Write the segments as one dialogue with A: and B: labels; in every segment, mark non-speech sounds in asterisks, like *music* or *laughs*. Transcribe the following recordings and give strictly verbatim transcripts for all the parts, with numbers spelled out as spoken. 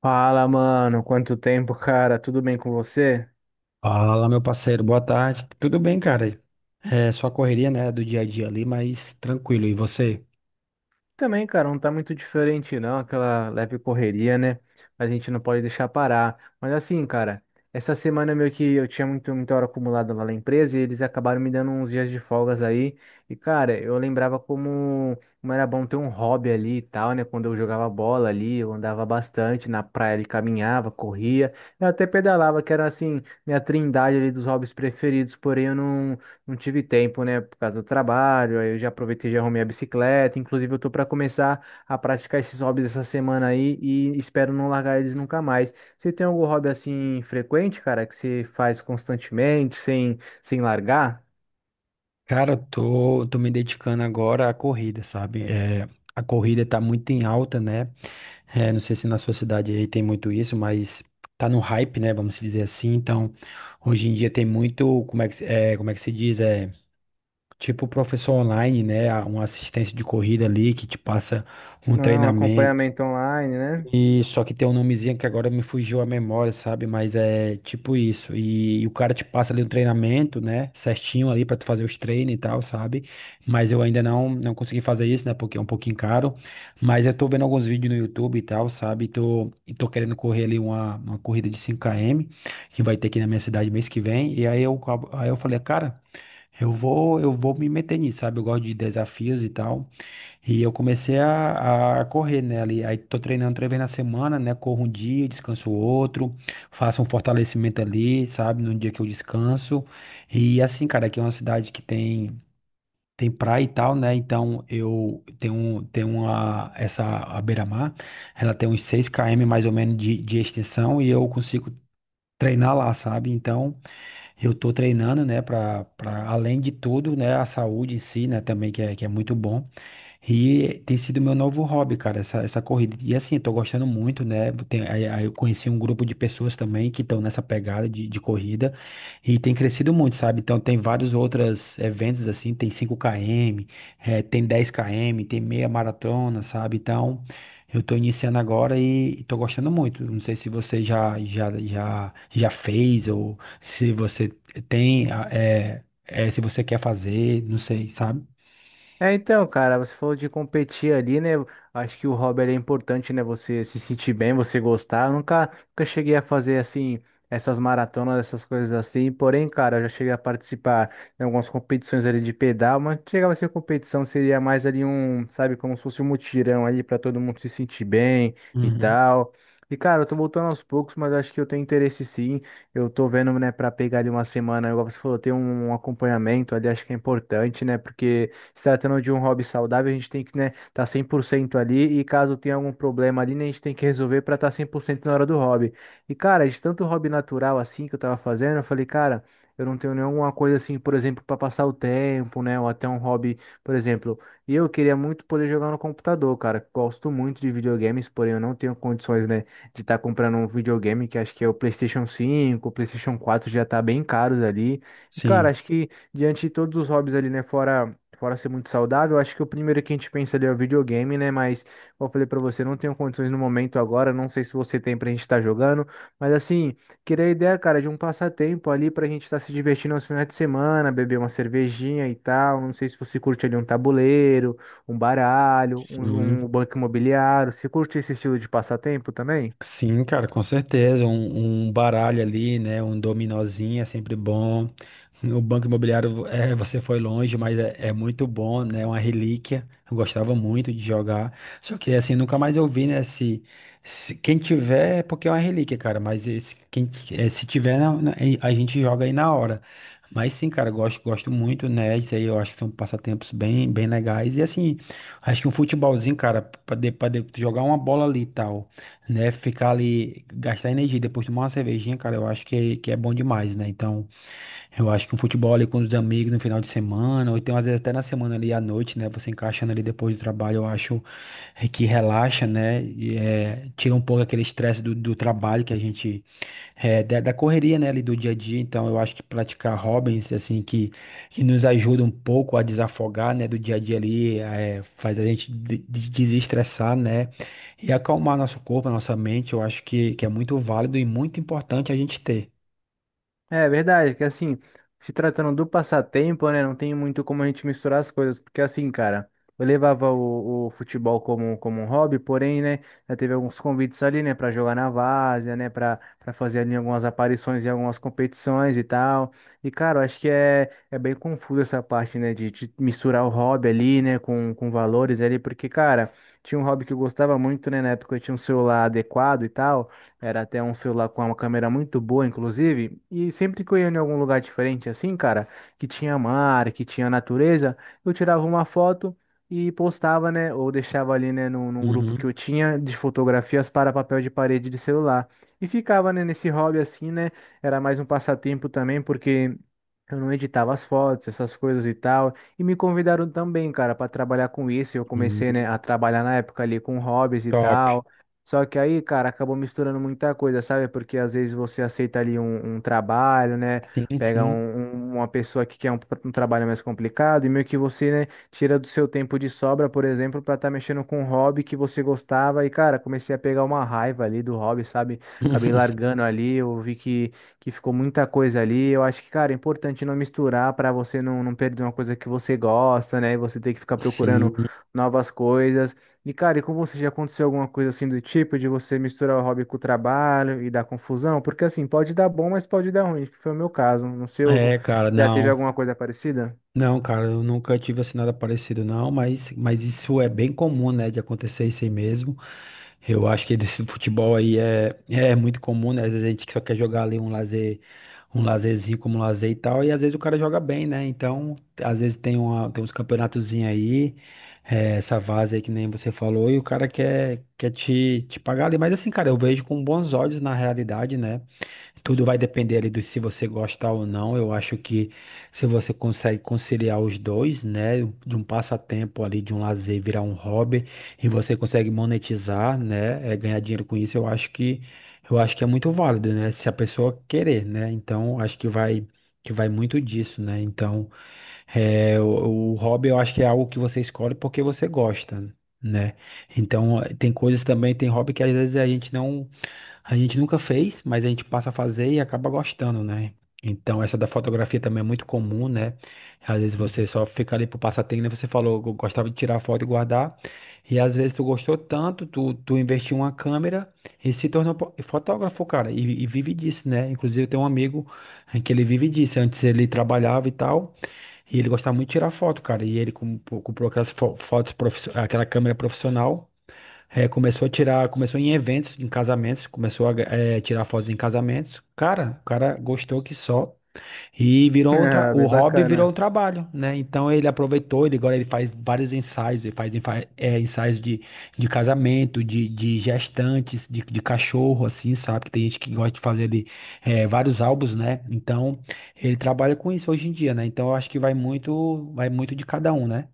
A: Fala, mano, quanto tempo, cara? Tudo bem com você?
B: Fala, meu parceiro, boa tarde. Tudo bem, cara? É só correria, né, do dia a dia ali, mas tranquilo. E você?
A: Também, cara, não tá muito diferente, não, aquela leve correria, né? A gente não pode deixar parar. Mas assim, cara, essa semana meio que eu tinha muito, muita hora acumulada lá na empresa e eles acabaram me dando uns dias de folgas aí. E, cara, eu lembrava como, como era bom ter um hobby ali e tal, né? Quando eu jogava bola ali, eu andava bastante na praia, ele caminhava, corria, eu até pedalava, que era assim, minha trindade ali dos hobbies preferidos, porém eu não. Não tive tempo, né, por causa do trabalho, aí eu já aproveitei e já arrumei a bicicleta, inclusive eu tô para começar a praticar esses hobbies essa semana aí e espero não largar eles nunca mais. Você tem algum hobby assim frequente, cara, que você faz constantemente, sem sem largar?
B: Cara, eu tô, tô me dedicando agora à corrida, sabe? É, a corrida tá muito em alta, né? É, não sei se na sua cidade aí tem muito isso, mas tá no hype, né? Vamos dizer assim. Então, hoje em dia tem muito, como é que, se- é, como é que se diz? É, tipo professor online, né? Uma assistência de corrida ali que te passa um
A: Não,
B: treinamento.
A: acompanhamento online, né?
B: E só que tem um nomezinho que agora me fugiu a memória, sabe? Mas é tipo isso. E, e o cara te passa ali um treinamento, né? Certinho ali pra tu fazer os treinos e tal, sabe? Mas eu ainda não não consegui fazer isso, né? Porque é um pouquinho caro. Mas eu tô vendo alguns vídeos no YouTube e tal, sabe? E tô, e tô querendo correr ali uma, uma corrida de cinco quilômetros que vai ter aqui na minha cidade mês que vem. E aí eu, acabo- aí eu falei, cara, eu vou, eu vou me meter nisso, sabe? Eu gosto de desafios e tal. E eu comecei a, a correr, né, ali. Aí tô treinando três vezes na semana, né? Corro um dia, descanso outro, faço um fortalecimento ali, sabe? No dia que eu descanso. E assim, cara, aqui é uma cidade que tem tem praia e tal, né? Então eu tenho, tenho uma, essa a beira-mar, ela tem uns seis quilômetros mais ou menos de, de extensão e eu consigo treinar lá, sabe? Então eu tô treinando, né, para para além de tudo, né, a saúde em si, né, também que é, que é muito bom. E tem sido meu novo hobby, cara, essa, essa corrida. E assim, eu tô gostando muito, né? Tem, aí, aí eu conheci um grupo de pessoas também que estão nessa pegada de, de corrida e tem crescido muito, sabe? Então tem vários outros eventos assim, tem cinco quilômetros eh, tem dez quilômetros tem meia maratona, sabe? Então eu tô iniciando agora e, e tô gostando muito. Não sei se você já, já, já, já fez ou se você tem, ah, eh, eh, se você quer fazer, não sei, sabe?
A: É, então, cara, você falou de competir ali, né? Acho que o hobby ele é importante, né? Você se sentir bem, você gostar. Eu nunca, nunca cheguei a fazer assim essas maratonas, essas coisas assim. Porém, cara, eu já cheguei a participar em algumas competições ali de pedal, mas não chegava a ser competição, seria mais ali um, sabe, como se fosse um mutirão ali para todo mundo se sentir bem e
B: Uhum.
A: tal. E, cara, eu tô voltando aos poucos, mas eu acho que eu tenho interesse sim. Eu tô vendo, né, pra pegar ali uma semana, igual você falou, ter um um acompanhamento ali, acho que é importante, né? Porque se tratando de um hobby saudável, a gente tem que, né, tá cem por cento ali e caso tenha algum problema ali, né, a gente tem que resolver para estar cem por cento na hora do hobby. E, cara, de tanto hobby natural assim que eu tava fazendo, eu falei, cara, eu não tenho nenhuma coisa assim, por exemplo, para passar o tempo, né, ou até um hobby, por exemplo, e eu queria muito poder jogar no computador, cara. Gosto muito de videogames, porém eu não tenho condições, né, de estar comprando um videogame que acho que é o PlayStation cinco o PlayStation quatro já tá bem caros ali. E, cara,
B: Sim.
A: acho que diante de todos os hobbies ali, né, fora. Fora ser muito saudável, acho que o primeiro que a gente pensa ali é o videogame, né? Mas, como eu falei pra você, não tenho condições no momento agora, não sei se você tem pra gente estar jogando, mas assim, queria a ideia, cara, de um passatempo ali pra gente estar se divertindo aos finais de semana, beber uma cervejinha e tal. Não sei se você curte ali um tabuleiro, um baralho, um, jo-
B: Sim.
A: um banco imobiliário. Você curte esse estilo de passatempo também?
B: Sim, cara, com certeza. Um, um baralho ali, né? Um dominozinho é sempre bom. O Banco Imobiliário, é, você foi longe, mas é, é muito bom, né? Uma relíquia. Eu gostava muito de jogar. Só que, assim, nunca mais eu vi, né? Se, se- quem tiver, é porque é uma relíquia, cara. Mas esse, quem, eh, se tiver, na- na- a gente joga aí na hora. Mas sim, cara, eu gosto, gosto muito, né? Isso aí eu acho que são passatempos bem, bem legais. E assim, acho que um futebolzinho, cara, pra, de, pra de- jogar uma bola ali e tal, né? Ficar ali, gastar energia, e depois tomar uma cervejinha, cara, eu acho que, que é bom demais, né? Então, eu acho que um futebol ali com os amigos no final de semana, ou então às vezes até na semana ali à noite, né? Você encaixando ali depois do trabalho, eu acho que relaxa, né? E, é, tira um pouco aquele estresse do, do trabalho que a gente, é, da, da correria, né? Ali do dia a dia. Então, eu acho que praticar hobbies, assim, que, que nos ajuda um pouco a desafogar, né? Do dia a dia ali, é, faz a gente de- de- desestressar, né? E acalmar nosso corpo, nossa mente, eu acho que, que é muito válido e muito importante a gente ter.
A: É verdade, que assim, se tratando do passatempo, né, não tem muito como a gente misturar as coisas, porque assim, cara, eu levava o, o futebol como, como um hobby, porém, né, já teve alguns convites ali, né, pra jogar na várzea, né, pra, pra fazer ali algumas aparições em algumas competições e tal. E, cara, eu acho que é, é bem confuso essa parte, né, de, de misturar o hobby ali, né, com, com valores ali, porque, cara, tinha um hobby que eu gostava muito, né, na época eu tinha um celular adequado e tal. Era até um celular com uma câmera muito boa, inclusive. E sempre que eu ia em algum lugar diferente, assim, cara, que tinha mar, que tinha natureza, eu tirava uma foto e postava, né? Ou deixava ali, né, num, num grupo que
B: Uhum.
A: eu tinha de fotografias para papel de parede de celular. E ficava, né, nesse hobby assim, né? Era mais um passatempo também, porque. Eu não editava as fotos, essas coisas e tal. E me convidaram também, cara, para trabalhar com isso. Eu
B: Hum.
A: comecei, né, a trabalhar na época ali com hobbies e
B: Top.
A: tal. Só que aí, cara, acabou misturando muita coisa, sabe? Porque às vezes você aceita ali um, um trabalho, né?
B: Sim,
A: Pega
B: sim.
A: um- um- uma pessoa que quer um, um trabalho mais complicado e meio que você, né, tira do seu tempo de sobra, por exemplo, pra estar mexendo com um hobby que você gostava. E, cara, comecei a pegar uma raiva ali do hobby, sabe? Acabei
B: *laughs*
A: largando ali, eu vi que, que ficou muita coisa ali. Eu acho que, cara, é importante não misturar pra você não, não perder uma coisa que você gosta, né? E você ter que ficar procurando
B: Sim.
A: novas coisas. E, cara, e com você já aconteceu alguma coisa assim do tipo de você misturar o hobby com o trabalho e dar confusão? Porque assim, pode dar bom, mas pode dar ruim, que foi o meu caso. No seu,
B: É, cara,
A: já teve
B: não.
A: alguma coisa parecida? *laughs*
B: Não, cara, eu nunca tive assim nada parecido, não, mas, mas isso é bem comum, né, de acontecer isso aí mesmo. Eu acho que desse futebol aí é, é muito comum, né? Às vezes a gente só quer jogar ali um lazer, um lazerzinho como lazer e tal, e às vezes o cara joga bem, né? Então, às vezes tem, uma, tem uns campeonatozinhos aí, é, essa vaza aí que nem você falou, e o cara quer, quer te, te pagar ali. Mas assim, cara, eu vejo com bons olhos na realidade, né? Tudo vai depender ali do se você gosta ou não. Eu acho que se você consegue conciliar os dois, né, de um passatempo ali, de um lazer virar um hobby e você consegue monetizar, né, é, ganhar dinheiro com isso, eu acho que eu acho que é muito válido, né, se a pessoa querer, né. Então, acho que vai que vai muito disso, né. Então, é, o, o hobby eu acho que é algo que você escolhe porque você gosta, né. Então, tem coisas também, tem hobby que às vezes a gente não a gente nunca fez, mas a gente passa a fazer e acaba gostando, né? Então, essa da fotografia também é muito comum, né? Às vezes você só fica ali pro passatempo, né? Você falou, eu gostava de tirar foto e guardar. E às vezes tu gostou tanto, tu, tu investiu em uma câmera e se tornou po- fotógrafo, cara. E, e vive disso, né? Inclusive, eu tenho um amigo eh, que ele vive disso. Antes ele trabalhava e tal. E ele gostava muito de tirar foto, cara. E ele com- pô, comprou aquelas fo- fotos, profiss- aquela câmera profissional. É, começou a tirar, começou em eventos, em casamentos, começou a eh, tirar fotos em casamentos. Cara, o cara gostou que só. E virou um tra-
A: Ah,
B: o
A: bem
B: hobby virou um
A: bacana.
B: trabalho, né? Então ele aproveitou, ele agora ele faz vários ensaios, ele faz enfa- eh, ensaios de, de casamento, de, de gestantes, de, de cachorro, assim, sabe? Que tem gente que gosta de fazer ali eh, vários álbuns, né? Então ele trabalha com isso hoje em dia, né? Então eu acho que vai muito, vai muito de cada um, né?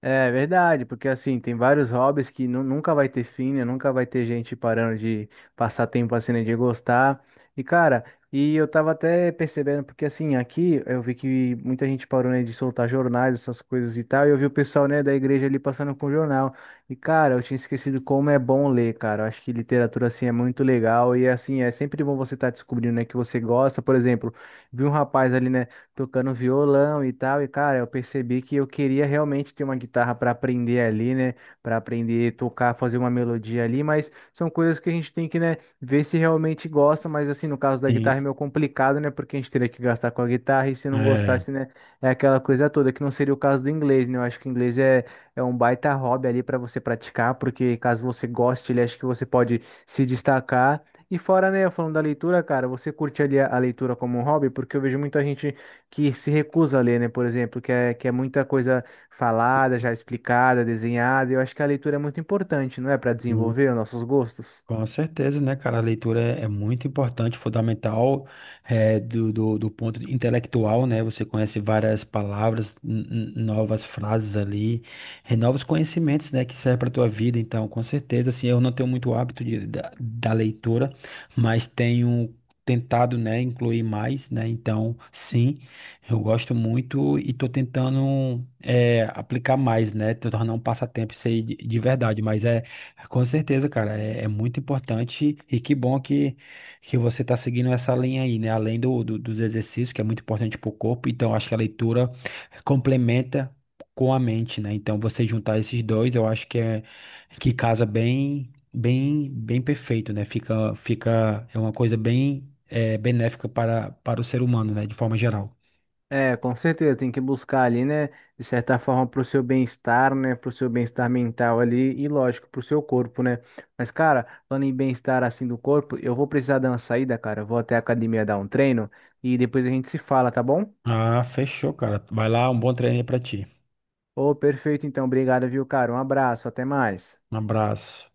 A: É verdade, porque assim, tem vários hobbies que nu- nunca vai ter fim, né? Nunca vai ter gente parando de passar tempo assim, né? De gostar. E cara, e eu tava até percebendo, porque assim, aqui eu vi que muita gente parou, né, de soltar jornais, essas coisas e tal, e eu vi o pessoal, né, da igreja ali passando com o jornal. E cara, eu tinha esquecido como é bom ler, cara. Eu acho que literatura assim é muito legal e assim, é sempre bom você estar descobrindo, né, que você gosta. Por exemplo, vi um rapaz ali, né? Tocando violão e tal. E, cara, eu percebi que eu queria realmente ter uma guitarra para aprender ali, né? Para aprender a tocar, fazer uma melodia ali, mas são coisas que a gente tem que, né, ver se realmente gosta. Mas, assim, no caso da
B: Sim.
A: guitarra é meio complicado, né? Porque a gente teria que gastar com a guitarra e se não
B: É.
A: gostasse, né? É aquela coisa toda, que não seria o caso do inglês, né? Eu acho que o inglês é, é um baita hobby ali para você praticar, porque caso você goste, ele acha que você pode se destacar. E fora, né, falando da leitura, cara, você curte ali a, a leitura como um hobby? Porque eu vejo muita gente que se recusa a ler, né? Por exemplo, que é, que é muita coisa falada, já explicada, desenhada. Eu acho que a leitura é muito importante, não é? Para desenvolver os nossos gostos.
B: Com certeza, né, cara? A leitura é, é muito importante, fundamental, é, do, do, do ponto de- intelectual, né? Você conhece várias palavras, n- n- novas frases ali, e novos conhecimentos, né, que servem para tua vida. Então, com certeza, assim, eu não tenho muito hábito de, da, da leitura, mas tenho tentado, né, incluir mais, né? Então, sim, eu gosto muito e tô tentando, é, aplicar mais, né? Tô tornando um passatempo isso aí de, de verdade, mas é. Com certeza, cara, é, é muito importante e que bom que, que você está seguindo essa linha aí, né? Além do, do- dos exercícios, que é muito importante para o corpo, então acho que a leitura complementa com a mente, né? Então você juntar esses dois, eu acho que é que casa bem, bem, bem perfeito, né? Fica, fica é uma coisa bem eh, benéfica para, para o ser humano, né? De forma geral.
A: É, com certeza, tem que buscar ali, né? De certa forma, para o seu bem-estar, né? Para o seu bem-estar mental ali e, lógico, para o seu corpo, né? Mas, cara, falando em bem-estar assim do corpo, eu vou precisar dar uma saída, cara. Eu vou até a academia dar um treino e depois a gente se fala, tá bom?
B: Ah, fechou, cara. Vai lá, um bom treino aí para ti.
A: Ô, perfeito, então. Obrigado, viu, cara? Um abraço, até mais.
B: Um abraço.